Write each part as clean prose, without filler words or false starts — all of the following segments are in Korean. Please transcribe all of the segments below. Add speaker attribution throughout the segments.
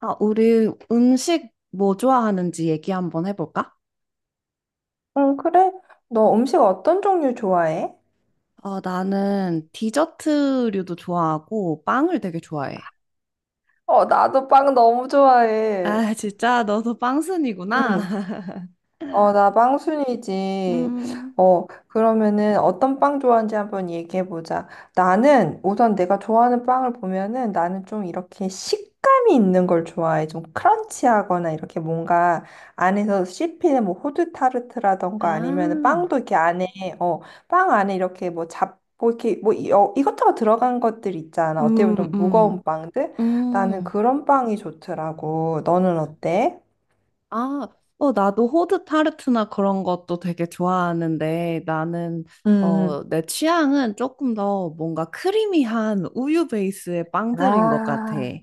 Speaker 1: 아, 우리 음식 뭐 좋아하는지 얘기 한번 해볼까?
Speaker 2: 응, 그래? 너 음식 어떤 종류 좋아해?
Speaker 1: 나는 디저트류도 좋아하고 빵을 되게 좋아해.
Speaker 2: 어, 나도 빵 너무 좋아해.
Speaker 1: 아, 진짜 너도 빵순이구나.
Speaker 2: 응. 어, 나 빵순이지.
Speaker 1: 음,
Speaker 2: 어, 그러면은 어떤 빵 좋아하는지 한번 얘기해 보자. 나는 우선 내가 좋아하는 빵을 보면은 나는 좀 이렇게 식감이 있는 걸 좋아해. 좀 크런치하거나 이렇게 뭔가 안에서 씹히는 뭐 호두 타르트라던가 아니면은
Speaker 1: 아,
Speaker 2: 빵도 이렇게 안에 어, 빵 안에 이렇게 뭐 고 이렇게 뭐 이것저것 들어간 것들 있잖아. 어떻게
Speaker 1: 음,
Speaker 2: 보면 좀
Speaker 1: 음,
Speaker 2: 무거운 빵들? 나는
Speaker 1: 음.
Speaker 2: 그런 빵이 좋더라고. 너는 어때?
Speaker 1: 아, 나도 호두 타르트나 그런 것도 되게 좋아하는데
Speaker 2: 음.
Speaker 1: 내 취향은 조금 더 뭔가 크리미한 우유 베이스의 빵들인 것 같아.
Speaker 2: 아.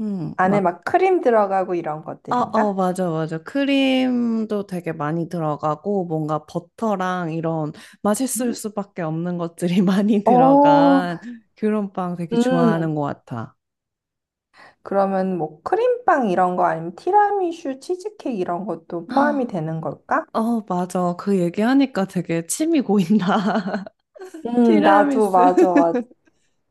Speaker 1: 음,
Speaker 2: 안에
Speaker 1: 막
Speaker 2: 막 크림 들어가고 이런
Speaker 1: 어,
Speaker 2: 것들인가?
Speaker 1: 맞아, 맞아. 크림도 되게 많이 들어가고, 뭔가 버터랑 이런 맛있을 수밖에 없는 것들이 많이
Speaker 2: 오.
Speaker 1: 들어간 그런 빵 되게 좋아하는
Speaker 2: 음.
Speaker 1: 것 같아.
Speaker 2: 그러면 뭐 크림빵 이런 거 아니면 티라미슈, 치즈케이크 이런 것도 포함이
Speaker 1: 아,
Speaker 2: 되는 걸까?
Speaker 1: 어, 맞아. 그 얘기하니까 되게 침이 고인다.
Speaker 2: 나도
Speaker 1: 티라미수.
Speaker 2: 맞아, 맞아.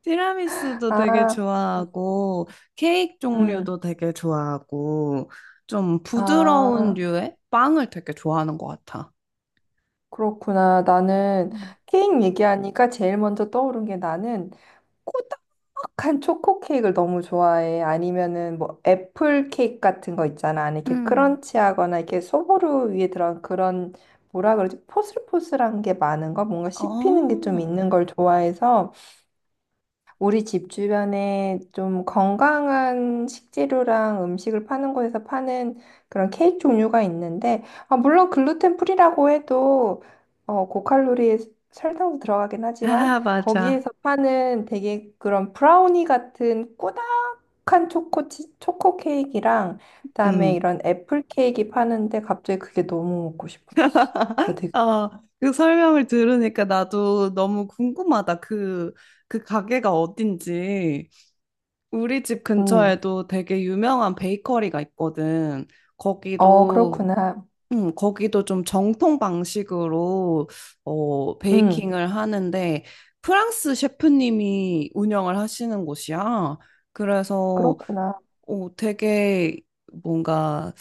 Speaker 1: 티라미수도 되게
Speaker 2: 아,
Speaker 1: 좋아하고, 케이크
Speaker 2: 음.
Speaker 1: 종류도 되게 좋아하고, 좀 부드러운
Speaker 2: 아,
Speaker 1: 류의 빵을 되게 좋아하는 것 같아.
Speaker 2: 그렇구나. 나는
Speaker 1: 음.
Speaker 2: 케이크 얘기하니까 제일 먼저 떠오른 게 나는 촉촉한 초코 케이크를 너무 좋아해. 아니면은 뭐 애플 케이크 같은 거 있잖아. 안에 이렇게
Speaker 1: 음.
Speaker 2: 크런치하거나 이렇게 소보루 위에 들어간 그런, 뭐라 그러지? 포슬포슬한 게 많은 거? 뭔가
Speaker 1: 어,
Speaker 2: 씹히는 게 좀 있는 걸 좋아해서 우리 집 주변에 좀 건강한 식재료랑 음식을 파는 곳에서 파는 그런 케이크 종류가 있는데, 아, 물론 글루텐 프리라고 해도 어, 고칼로리에 설탕도 들어가긴 하지만
Speaker 1: 아, 맞아.
Speaker 2: 거기에서 파는 되게 그런 브라우니 같은 꾸덕한 초코 케이크랑 그다음에
Speaker 1: 음.
Speaker 2: 이런 애플 케이크 파는데 갑자기 그게 너무 먹고 싶어졌어. 나 되게.
Speaker 1: 아, 그 설명을 들으니까 나도 너무 궁금하다. 그 가게가 어딘지. 우리 집
Speaker 2: 음,
Speaker 1: 근처에도 되게 유명한 베이커리가 있거든.
Speaker 2: 어,
Speaker 1: 거기도,
Speaker 2: 그렇구나.
Speaker 1: 거기도 좀 정통 방식으로,
Speaker 2: 음,
Speaker 1: 베이킹을 하는데, 프랑스 셰프님이 운영을 하시는 곳이야. 그래서,
Speaker 2: 그렇구나.
Speaker 1: 되게 뭔가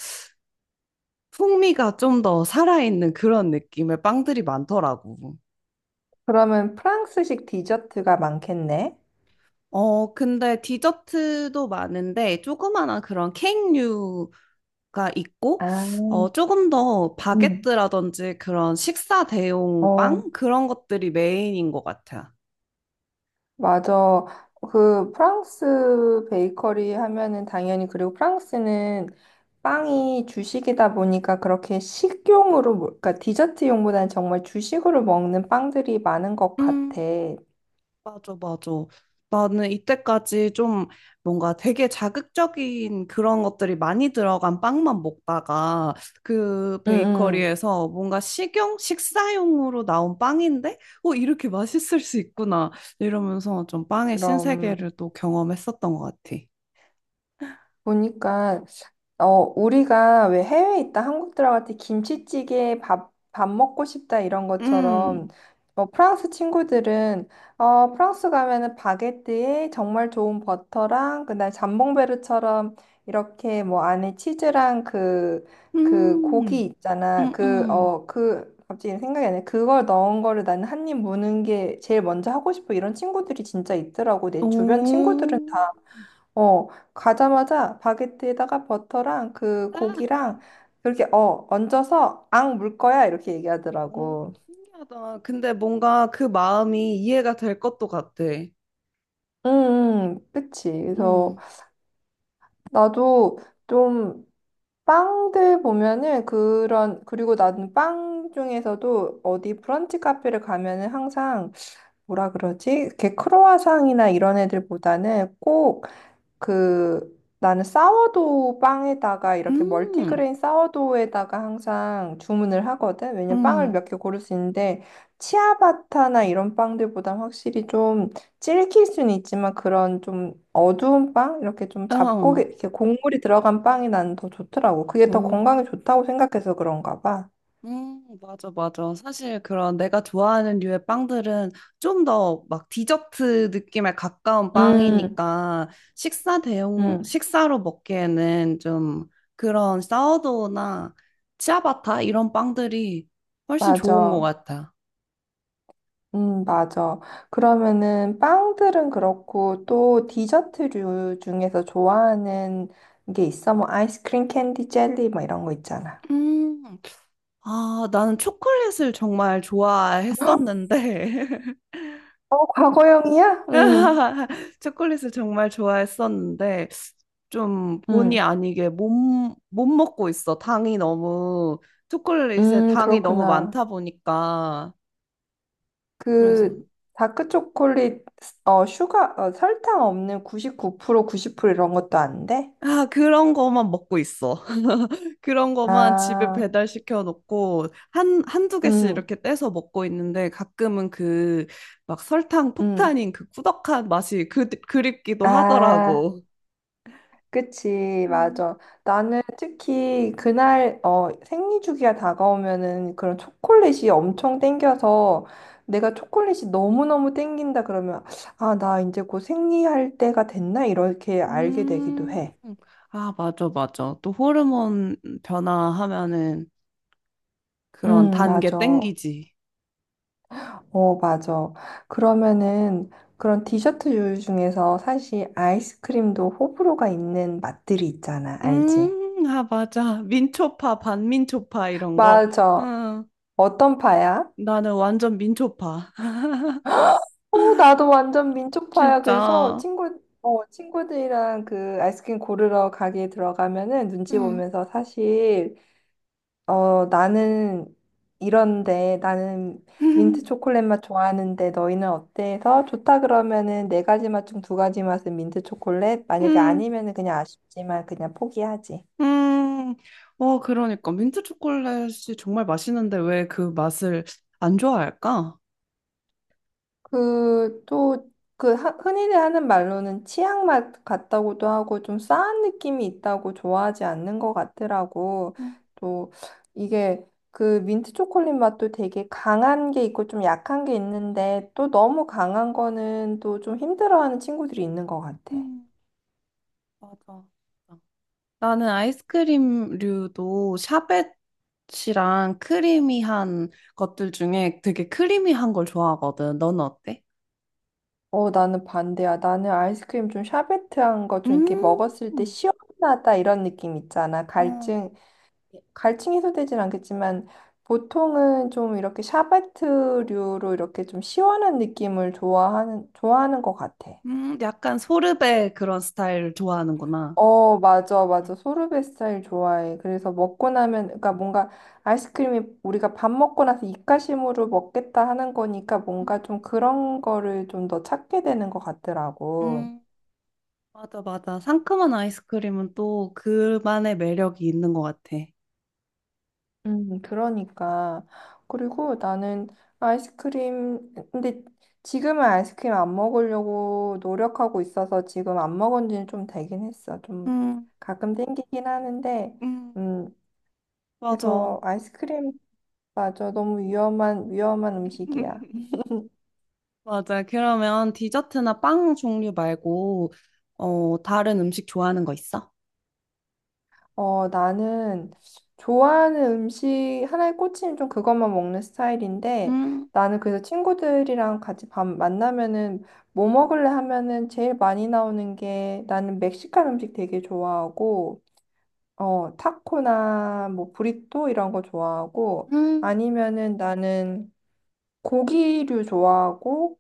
Speaker 1: 풍미가 좀 더 살아있는 그런 느낌의 빵들이 많더라고.
Speaker 2: 그러면 프랑스식 디저트가 많겠네.
Speaker 1: 어, 근데 디저트도 많은데 조그마한 그런 케이크류가 있고
Speaker 2: 아,
Speaker 1: 어, 조금 더
Speaker 2: 음.
Speaker 1: 바게트라든지 그런 식사 대용
Speaker 2: 어,
Speaker 1: 빵 그런 것들이 메인인 것 같아.
Speaker 2: 맞아. 그 프랑스 베이커리 하면은 당연히, 그리고 프랑스는 빵이 주식이다 보니까 그렇게 식용으로, 그러니까 디저트용보다는 정말 주식으로 먹는 빵들이 많은 것 같아.
Speaker 1: 요
Speaker 2: 응,
Speaker 1: 맞아, 맞아. 나는 이때까지 좀 뭔가 되게 자극적인 그런 것들이 많이 들어간 빵만 먹다가 그
Speaker 2: 응.
Speaker 1: 베이커리에서 뭔가 식용, 식사용으로 나온 빵인데, 어, 이렇게 맛있을 수 있구나. 이러면서 좀 빵의
Speaker 2: 그럼.
Speaker 1: 신세계를 또 경험했었던 것 같아.
Speaker 2: 보니까 어, 우리가 왜 해외에 있다 한국 들어갈 때 김치찌개 밥 먹고 싶다 이런
Speaker 1: 음,
Speaker 2: 것처럼 어, 프랑스 친구들은 어, 프랑스 가면은 바게트에 정말 좋은 버터랑 그날 잠봉베르처럼 이렇게 뭐 안에 치즈랑 그, 그 고기
Speaker 1: 음,
Speaker 2: 있잖아.
Speaker 1: 음,
Speaker 2: 그
Speaker 1: 음.
Speaker 2: 어, 그 갑자기 생각이 안 나. 그걸 넣은 거를 나는 한 입 무는 게 제일 먼저 하고 싶어. 이런 친구들이 진짜 있더라고.
Speaker 1: 오.
Speaker 2: 내 주변 친구들은 다 어, 가자마자 바게트에다가 버터랑 그
Speaker 1: 아.
Speaker 2: 고기랑 이렇게 어, 얹어서 앙 물 거야, 이렇게
Speaker 1: 오,
Speaker 2: 얘기하더라고.
Speaker 1: 신기하다. 근데 뭔가 그 마음이 이해가 될 것도 같아.
Speaker 2: 응. 그치. 그래서
Speaker 1: 음.
Speaker 2: 나도 좀 빵들 보면은 그런, 그리고 나는 빵 중에서도 어디 브런치 카페를 가면은 항상, 뭐라 그러지? 이렇게 크로와상이나 이런 애들보다는 꼭 그, 나는 사워도우 빵에다가 이렇게
Speaker 1: 음,
Speaker 2: 멀티그레인 사워도우에다가 항상 주문을 하거든. 왜냐면 빵을
Speaker 1: 음,
Speaker 2: 몇 개 고를 수 있는데 치아바타나 이런 빵들보단 확실히 좀 질길 수는 있지만 그런 좀 어두운 빵 이렇게 좀 잡고
Speaker 1: 어,
Speaker 2: 에 이렇게 곡물이 들어간 빵이 나는 더 좋더라고. 그게 더
Speaker 1: 어,
Speaker 2: 건강에 좋다고 생각해서 그런가 봐.
Speaker 1: 맞아, 맞아. 사실 그런 내가 좋아하는 류의 빵들은 좀 더 막 디저트 느낌에 가까운
Speaker 2: 음,
Speaker 1: 빵이니까 식사 대용,
Speaker 2: 음,
Speaker 1: 식사로 먹기에는 좀 그런 사워도우나 치아바타 이런 빵들이 훨씬 좋은 것
Speaker 2: 맞아.
Speaker 1: 같아.
Speaker 2: 맞아. 그러면은 빵들은 그렇고 또 디저트류 중에서 좋아하는 게 있어? 뭐 아이스크림, 캔디, 젤리 뭐 이런 거 있잖아.
Speaker 1: 음, 아, 나는 초콜릿을 정말 좋아했었는데.
Speaker 2: 어, 과거형이야?
Speaker 1: 초콜릿을 정말 좋아했었는데 좀 본의
Speaker 2: 음,
Speaker 1: 아니게 못, 못 먹고 있어. 당이 너무 초콜릿에 당이 너무
Speaker 2: 그렇구나.
Speaker 1: 많다 보니까 그래서
Speaker 2: 그 다크 초콜릿, 어, 슈가, 어, 설탕 없는 99%, 90% 이런 것도 안 돼?
Speaker 1: 아 그런 거만 먹고 있어. 그런 거만 집에
Speaker 2: 아,
Speaker 1: 배달시켜 놓고 한 한두 개씩
Speaker 2: 음,
Speaker 1: 이렇게 떼서 먹고 있는데 가끔은 막 설탕
Speaker 2: 음,
Speaker 1: 폭탄인 그 꾸덕한 맛이 그 그립기도
Speaker 2: 아.
Speaker 1: 하더라고.
Speaker 2: 그치, 맞아. 나는 특히 그날 어, 생리 주기가 다가오면은 그런 초콜릿이 엄청 땡겨서 내가 초콜릿이 너무너무 땡긴다 그러면 아, 나 이제 곧 생리할 때가 됐나? 이렇게 알게 되기도
Speaker 1: 음,
Speaker 2: 해.
Speaker 1: 아, 맞아, 맞아. 또 호르몬 변화하면은 그런 단 게
Speaker 2: 맞아.
Speaker 1: 땡기지.
Speaker 2: 어, 맞아. 그러면은 그런 디저트 요리 중에서 사실 아이스크림도 호불호가 있는 맛들이 있잖아. 알지?
Speaker 1: 아, 맞아. 민초파, 반민초파 이런 거.
Speaker 2: 맞아.
Speaker 1: 응,
Speaker 2: 어떤 파야?
Speaker 1: 나는 완전 민초파.
Speaker 2: 어, 나도 완전 민초파야. 그래서
Speaker 1: 진짜.
Speaker 2: 친구, 어, 친구들이랑 그 아이스크림 고르러 가게 들어가면은 눈치
Speaker 1: 응.
Speaker 2: 보면서 사실, 어, 나는 이런데, 나는 민트 초콜릿 맛 좋아하는데 너희는 어때? 해서 좋다 그러면은 네 가지 맛 중 두 가지 맛은 민트 초콜릿? 만약에
Speaker 1: 음,
Speaker 2: 아니면은 그냥 아쉽지만 그냥 포기하지.
Speaker 1: 음. 어, 그러니까. 민트 초콜릿이 정말 맛있는데 왜 그 맛을 안 좋아할까?
Speaker 2: 그, 또, 그, 흔히들 하는 말로는 치약 맛 같다고도 하고 좀 싸한 느낌이 있다고 좋아하지 않는 것 같더라고.
Speaker 1: 음,
Speaker 2: 또, 이게 그 민트 초콜릿 맛도 되게 강한 게 있고 좀 약한 게 있는데 또 너무 강한 거는 또 좀 힘들어하는 친구들이 있는 것 같아.
Speaker 1: 음, 맞아. 나는 아이스크림류도 샤베트랑 크리미한 것들 중에 되게 크리미한 걸 좋아하거든. 너는 어때?
Speaker 2: 어, 나는 반대야. 나는 아이스크림 좀 샤베트한 거 좀 이렇게
Speaker 1: 음,
Speaker 2: 먹었을 때 시원하다 이런 느낌 있잖아.
Speaker 1: 어,
Speaker 2: 갈증 해소되진 않겠지만 보통은 좀 이렇게 샤베트류로 이렇게 좀 시원한 느낌을 좋아하는 것 같아.
Speaker 1: 약간 소르베 그런 스타일 좋아하는구나.
Speaker 2: 어, 맞아, 맞아. 소르베 스타일 좋아해. 그래서 먹고 나면, 그러니까 뭔가 아이스크림이 우리가 밥 먹고 나서 입가심으로 먹겠다 하는 거니까
Speaker 1: 음,
Speaker 2: 뭔가 좀 그런 거를 좀 더 찾게 되는 것 같더라고.
Speaker 1: 음, 맞아, 맞아. 상큼한 아이스크림은 또 그만의 매력이 있는 것 같아.
Speaker 2: 그러니까. 그리고 나는 아이스크림, 근데 지금은 아이스크림 안 먹으려고 노력하고 있어서 지금 안 먹은 지는 좀 되긴 했어. 좀
Speaker 1: 음,
Speaker 2: 가끔 땡기긴 하는데,
Speaker 1: 음,
Speaker 2: 음,
Speaker 1: 맞아.
Speaker 2: 그래서 아이스크림, 맞아. 너무 위험한, 위험한 음식이야.
Speaker 1: 맞아. 그러면 디저트나 빵 종류 말고, 어, 다른 음식 좋아하는 거 있어?
Speaker 2: 어, 나는 좋아하는 음식, 하나에 꽂히면 좀 그것만 먹는 스타일인데,
Speaker 1: 음,
Speaker 2: 나는 그래서 친구들이랑 같이 밥 만나면은 뭐 먹을래 하면은 제일 많이 나오는 게 나는 멕시칸 음식 되게 좋아하고, 어, 타코나 뭐 브리또 이런 거 좋아하고,
Speaker 1: 음.
Speaker 2: 아니면은 나는 고기류 좋아하고,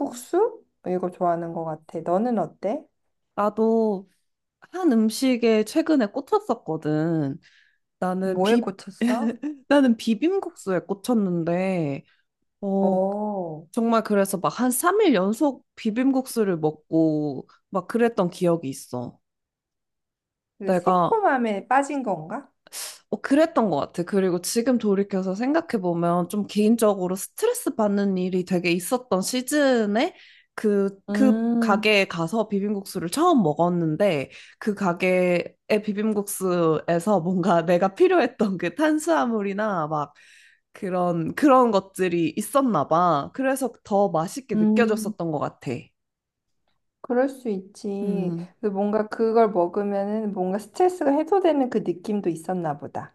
Speaker 1: 음.
Speaker 2: 이거 좋아하는 것 같아. 너는 어때?
Speaker 1: 나도 한 음식에 최근에 꽂혔었거든. 나는
Speaker 2: 뭐에
Speaker 1: 비,
Speaker 2: 꽂혔어?
Speaker 1: 나는 비빔국수에 꽂혔는데, 어,
Speaker 2: 어.
Speaker 1: 정말 그래서 막 한 3일 연속 비빔국수를 먹고 막 그랬던 기억이 있어.
Speaker 2: 그
Speaker 1: 내가
Speaker 2: 새콤함에 빠진 건가?
Speaker 1: 어, 그랬던 것 같아. 그리고 지금 돌이켜서 생각해보면 좀 개인적으로 스트레스 받는 일이 되게 있었던 시즌에 그
Speaker 2: 음,
Speaker 1: 가게에 가서 비빔국수를 처음 먹었는데 그 가게의 비빔국수에서 뭔가 내가 필요했던 그 탄수화물이나 막 그런 것들이 있었나 봐. 그래서 더 맛있게
Speaker 2: 음,
Speaker 1: 느껴졌었던 것 같아.
Speaker 2: 그럴 수 있지.
Speaker 1: 음,
Speaker 2: 그 뭔가 그걸 먹으면은 뭔가 스트레스가 해소되는 그 느낌도 있었나 보다.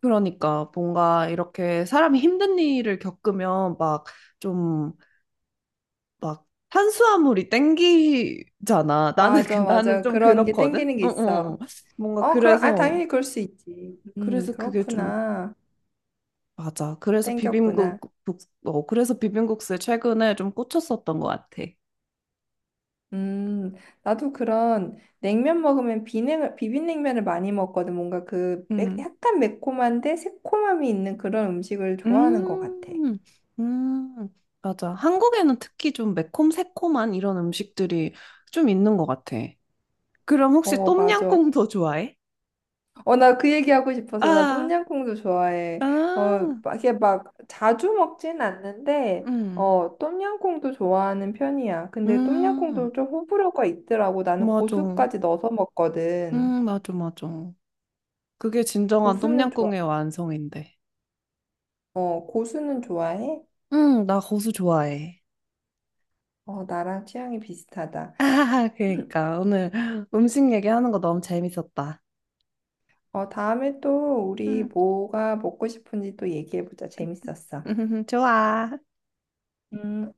Speaker 1: 그러니까 뭔가 이렇게 사람이 힘든 일을 겪으면 막좀 막 탄수화물이 땡기잖아.
Speaker 2: 맞아,
Speaker 1: 나는
Speaker 2: 맞아.
Speaker 1: 좀
Speaker 2: 그런 게
Speaker 1: 그렇거든.
Speaker 2: 땡기는 게
Speaker 1: 어,
Speaker 2: 있어.
Speaker 1: 어. 어. 뭔가
Speaker 2: 어, 그럼, 아,
Speaker 1: 그래서
Speaker 2: 당연히 그럴 수 있지.
Speaker 1: 그래서 그게 좀
Speaker 2: 그렇구나.
Speaker 1: 맞아.
Speaker 2: 땡겼구나.
Speaker 1: 어, 그래서 비빔국수에 최근에 좀 꽂혔었던 것 같아.
Speaker 2: 음, 나도 그런 냉면 먹으면 비냉, 비빔냉면을 많이 먹거든. 뭔가 그 매,
Speaker 1: 음.
Speaker 2: 약간 매콤한데 새콤함이 있는 그런 음식을 좋아하는 것 같아.
Speaker 1: 음. 음. 맞아. 한국에는 특히 좀 매콤 새콤한 이런 음식들이 좀 있는 것 같아. 그럼 혹시
Speaker 2: 어, 맞아.
Speaker 1: 똠양꿍도 좋아해?
Speaker 2: 어, 나 그 얘기하고 싶어서 나
Speaker 1: 아,
Speaker 2: 똠양꿍도 좋아해. 어,
Speaker 1: 아,
Speaker 2: 막 이게 막 자주 먹진 않는데,
Speaker 1: 음,
Speaker 2: 어, 똠양꿍도 좋아하는 편이야. 근데
Speaker 1: 음,
Speaker 2: 똠양꿍도 좀 호불호가 있더라고. 나는
Speaker 1: 맞아.
Speaker 2: 고수까지 넣어서 먹거든.
Speaker 1: 맞아, 맞아. 그게 진정한
Speaker 2: 고수는 좋아,
Speaker 1: 똠양꿍의 완성인데.
Speaker 2: 어, 고수는 좋아해?
Speaker 1: 응, 나 고수 좋아해.
Speaker 2: 어, 나랑 취향이 비슷하다.
Speaker 1: 아, 그러니까 오늘 음식 얘기하는 거 너무 재밌었다.
Speaker 2: 어, 다음에 또 우리
Speaker 1: 음,
Speaker 2: 뭐가 먹고 싶은지 또 얘기해보자. 재밌었어.
Speaker 1: 좋아.
Speaker 2: 음,